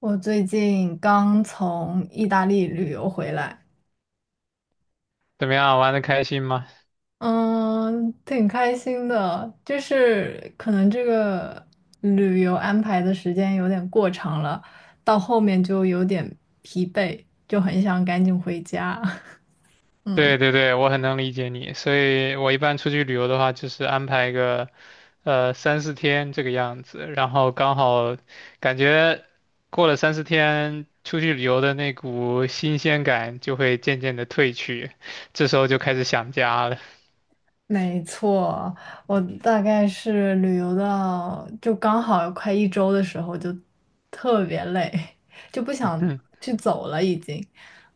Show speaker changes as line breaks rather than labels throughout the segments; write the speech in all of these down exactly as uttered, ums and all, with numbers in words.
我最近刚从意大利旅游回来，
怎么样，玩的开心吗？
嗯，挺开心的。就是可能这个旅游安排的时间有点过长了，到后面就有点疲惫，就很想赶紧回家。嗯。
对对对，我很能理解你，所以我一般出去旅游的话，就是安排个呃三四天这个样子，然后刚好感觉过了三四天，出去旅游的那股新鲜感就会渐渐的褪去，这时候就开始想家了。
没错，我大概是旅游到就刚好快一周的时候，就特别累，就不 想
嗯，
去走了已经。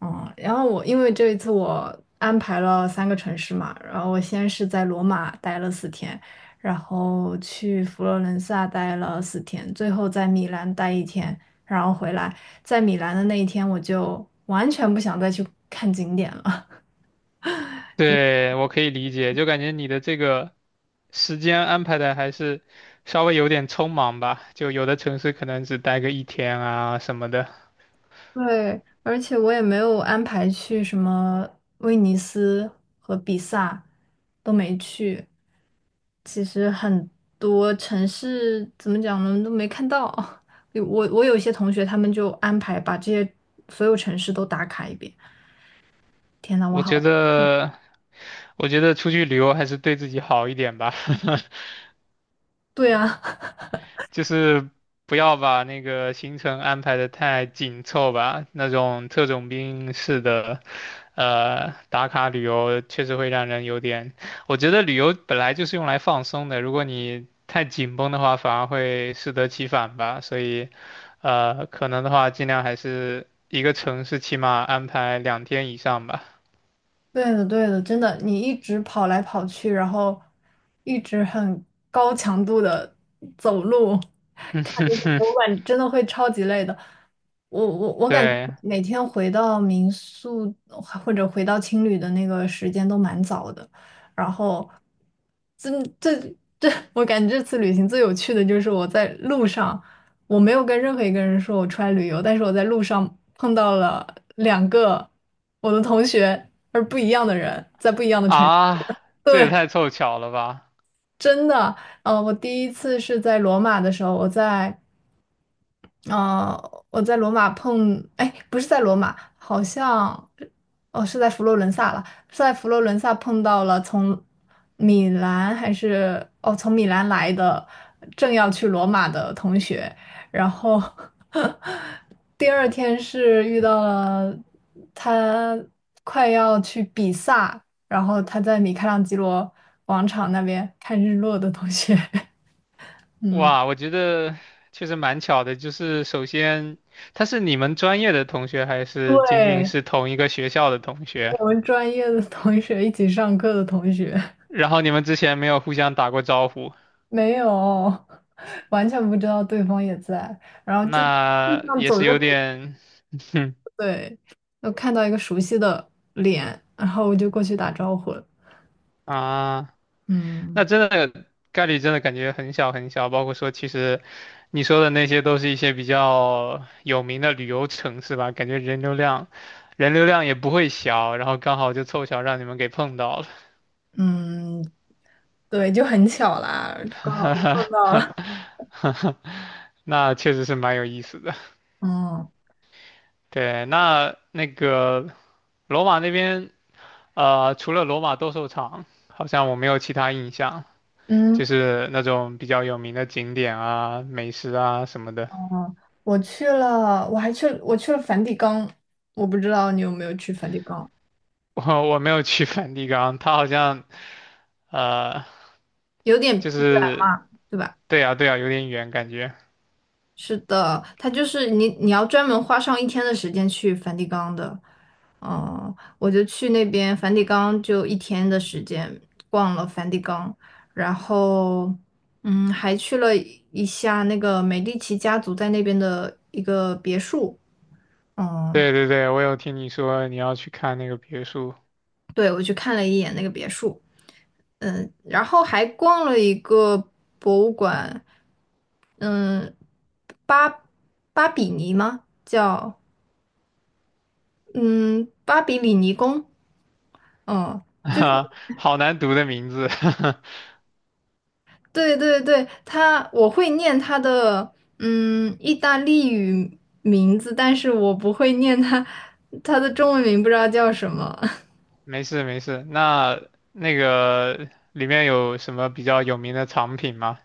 嗯，然后我因为这一次我安排了三个城市嘛，然后我先是在罗马待了四天，然后去佛罗伦萨待了四天，最后在米兰待一天，然后回来。在米兰的那一天，我就完全不想再去看景点了。
对，我可以理解，就感觉你的这个时间安排的还是稍微有点匆忙吧，就有的城市可能只待个一天啊什么的。
对，而且我也没有安排去什么威尼斯和比萨，都没去。其实很多城市怎么讲呢，都没看到。有我我有一些同学，他们就安排把这些所有城市都打卡一遍。天呐，我
我觉
好，
得，我觉得出去旅游还是对自己好一点吧，
对啊，
就是不要把那个行程安排的太紧凑吧。那种特种兵式的，呃，打卡旅游确实会让人有点。我觉得旅游本来就是用来放松的，如果你太紧绷的话，反而会适得其反吧。所以，呃，可能的话，尽量还是一个城市起码安排两天以上吧。
对的对的，真的，你一直跑来跑去，然后一直很高强度的走路。
嗯哼哼，
我感真的会超级累的。我我我感觉
对，
每天回到民宿或者回到青旅的那个时间都蛮早的，然后这这这，我感觉这次旅行最有趣的就是我在路上，我没有跟任何一个人说我出来旅游，但是我在路上碰到了两个我的同学，而不一样的人，在不一样的城市
啊，这也
对，
太凑巧了吧！
真的，呃，我第一次是在罗马的时候，我在。呃，我在罗马碰，哎，不是在罗马，好像，哦，是在佛罗伦萨了，是在佛罗伦萨碰到了从米兰还是哦，从米兰来的，正要去罗马的同学，然后 第二天是遇到了他快要去比萨，然后他在米开朗基罗广场那边看日落的同学，嗯，
哇，我觉得确实蛮巧的。就是首先，他是你们专业的同学，还是仅仅
对，
是同一个学校的同学？
我们专业的同学一起上课的同学，
然后你们之前没有互相打过招呼，
没有，完全不知道对方也在。路
那
上
也
走着
是有
走着，
点，哼
对，我看到一个熟悉的脸，然后我就过去打招呼了。
啊。
嗯
那真的概率真的感觉很小很小，包括说其实你说的那些都是一些比较有名的旅游城市吧，感觉人流量人流量也不会小，然后刚好就凑巧让你们给碰到
嗯，对，就很巧啦，刚好遇
了，
到了。
那确实是蛮有意思的。
嗯
对，那那个罗马那边，呃，除了罗马斗兽场，好像我没有其他印象，就
嗯
是那种比较有名的景点啊、美食啊什么的。
嗯，我去了，我还去，我去了梵蒂冈，我不知道你有没有去梵蒂冈，
我我没有去梵蒂冈，它好像呃，
有点远
就是
嘛，对吧？
对呀对呀，有点远感觉。
是的，它就是你，你要专门花上一天的时间去梵蒂冈的。嗯，我就去那边梵蒂冈，就一天的时间逛了梵蒂冈，然后嗯，还去了一下那个美第奇家族在那边的一个别墅。嗯，
对对对，我有听你说你要去看那个别墅，
对，我去看了一眼那个别墅，嗯，然后还逛了一个博物馆，嗯，巴巴比尼吗？叫。嗯，巴比里尼宫，嗯，就
啊，
是
好难读的名字。
对对对，他我会念他的嗯意大利语名字，但是我不会念他他的中文名，不知道叫什么。
没事没事，那那个里面有什么比较有名的藏品吗？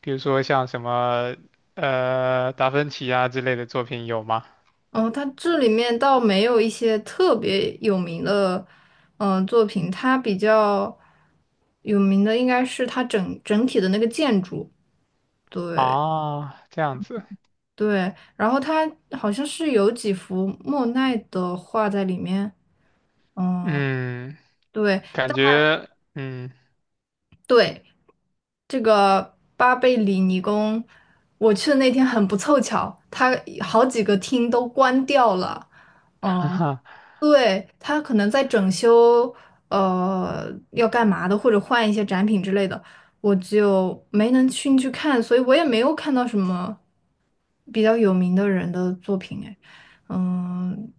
比如说像什么呃达芬奇啊之类的作品有吗？
哦，他这里面倒没有一些特别有名的嗯、呃作品，他比较有名的应该是他整整体的那个建筑，
啊，这样子，
对，然后他好像是有几幅莫奈的画在里面。嗯，
嗯，
对，
感觉嗯。
对，这个巴贝里尼宫，我去的那天很不凑巧，它好几个厅都关掉了。嗯，
哈哈。
对，它可能在整修，呃，要干嘛的，或者换一些展品之类的，我就没能进去看，所以我也没有看到什么比较有名的人的作品。哎，嗯，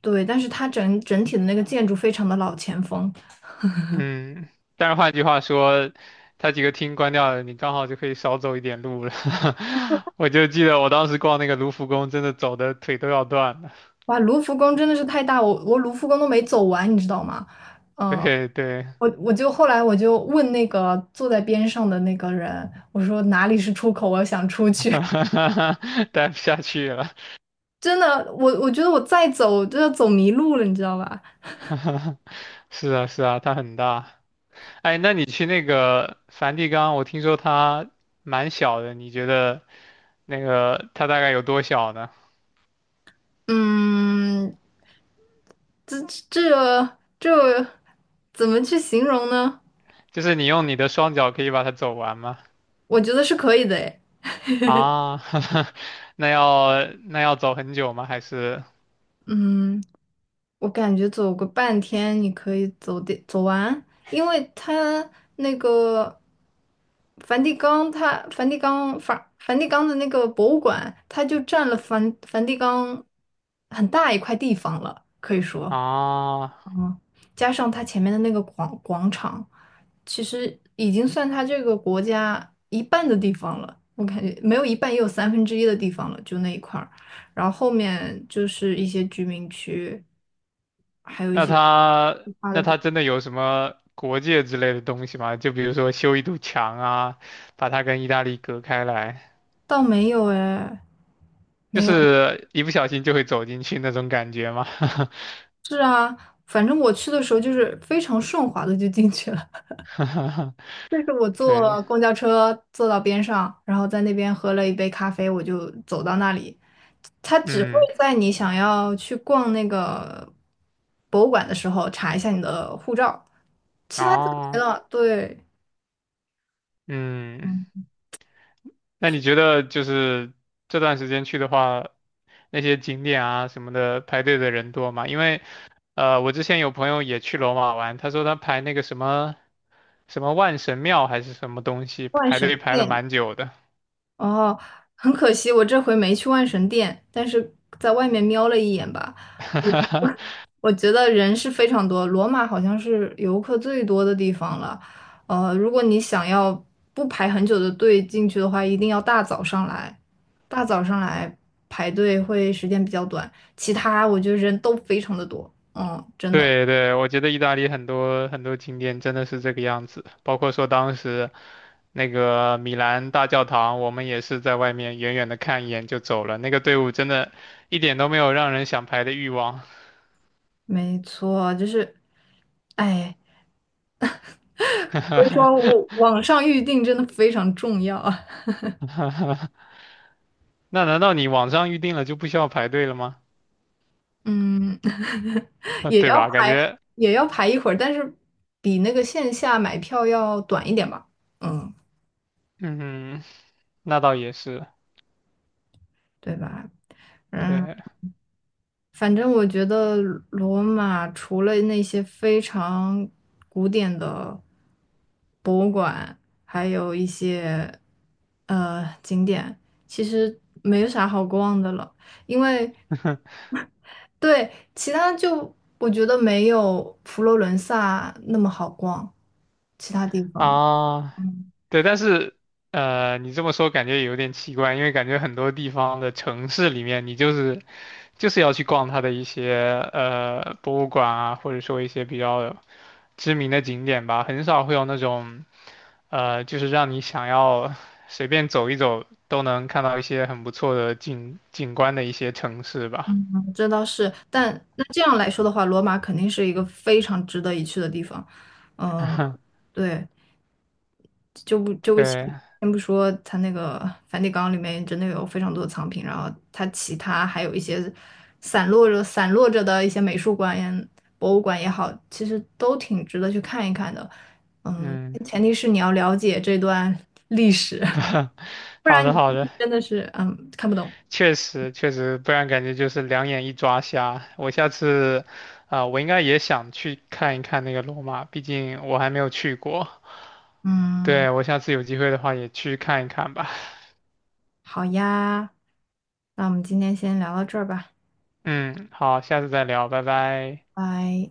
对，但是它整整体的那个建筑非常的老前锋。
嗯，但是换句话说，他几个厅关掉了，你刚好就可以少走一点路了。我就记得我当时逛那个卢浮宫，真的走的腿都要断了。
哇，卢浮宫真的是太大，我我卢浮宫都没走完，你知道吗？嗯、
对对，
我我就后来我就问那个坐在边上的那个人，我说哪里是出口，我想出去。
待不下去了。
真的，我我觉得我再走就要走迷路了，你知道吧？
是啊是啊，它很大。哎，那你去那个梵蒂冈，我听说它蛮小的，你觉得那个它大概有多小呢？
嗯，这这这怎么去形容呢？
就是你用你的双脚可以把它走完吗？
我觉得是可以的，诶，
啊，那要那要走很久吗？还是？
嗯。我感觉走个半天你可以走的走完，因为它那个梵蒂冈它，梵蒂冈梵梵蒂冈的那个博物馆，它就占了梵梵蒂冈很大一块地方了，可以说。
啊，
加上它前面的那个广广场，其实已经算它这个国家一半的地方了。我感觉没有一半，也有三分之一的地方了，就那一块儿。然后后面就是一些居民区，还有一
那
些
他那他真的有什么国界之类的东西吗？就比如说修一堵墙啊，把它跟意大利隔开来，
倒没有哎，
就
没有。
是一不小心就会走进去那种感觉吗？
是啊，反正我去的时候就是非常顺滑的就进去了。就是我
对，
坐公交车坐到边上，然后在那边喝了一杯咖啡，我就走到那里，它只会
嗯，
在你想要去逛那个博物馆的时候查一下你的护照，其他就没
哦，
了。对，
嗯，
嗯，
那你觉
是
得就是这段时间去的话，那些景点啊什么的排队的人多吗？因为呃，我之前有朋友也去罗马玩，他说他排那个什么。什么万神庙还是什么东西，
万
排队
神
排了
殿。
蛮久的。
哦，很可惜，我这回没去万神殿，但是在外面瞄了一眼吧。我我 我觉得人是非常多，罗马好像是游客最多的地方了。呃，如果你想要不排很久的队进去的话，一定要大早上来，大早上来排队会时间比较短。其他我觉得人都非常的多，嗯，真的，
对对，我觉得意大利很多很多景点真的是这个样子，包括说当时那个米兰大教堂，我们也是在外面远远的看一眼就走了，那个队伍真的一点都没有让人想排的欲望。
没错，就是，哎，所以说我网上预定真的非常重要啊，
那难道你网上预定了就不需要排队了吗？
嗯。
啊，
也
对
要
吧？感
排，
觉，
也要排一会儿，但是比那个线下买票要短一点吧，嗯，
嗯，那倒也是，
对吧？嗯，
对。
反正我觉得罗马除了那些非常古典的博物馆，还有一些呃景点，其实没有啥好逛的了，因为对其他就我觉得没有佛罗伦萨那么好逛，其他地方。
啊，
嗯
对，但是呃，你这么说感觉也有点奇怪，因为感觉很多地方的城市里面，你就是就是要去逛它的一些呃博物馆啊，或者说一些比较知名的景点吧，很少会有那种呃，就是让你想要随便走一走都能看到一些很不错的景景观的一些城市吧。
这倒是，但那这样来说的话，罗马肯定是一个非常值得一去的地方。嗯，对，就不就不先
对，
先不说它那个梵蒂冈里面真的有非常多的藏品，然后它其他还有一些散落着散落着的一些美术馆也、博物馆也好，其实都挺值得去看一看的。嗯，
嗯，
前提是你要了解这段历史，不
好
然
的，好
你
的。
真的是嗯看不懂。
确实确实，不然感觉就是两眼一抓瞎。我下次啊、我应该也想去看一看那个罗马，毕竟我还没有去过。
嗯。
对，我下次有机会的话也去看一看吧。
好呀，那我们今天先聊到这儿吧，
嗯，好，下次再聊，拜拜。
拜。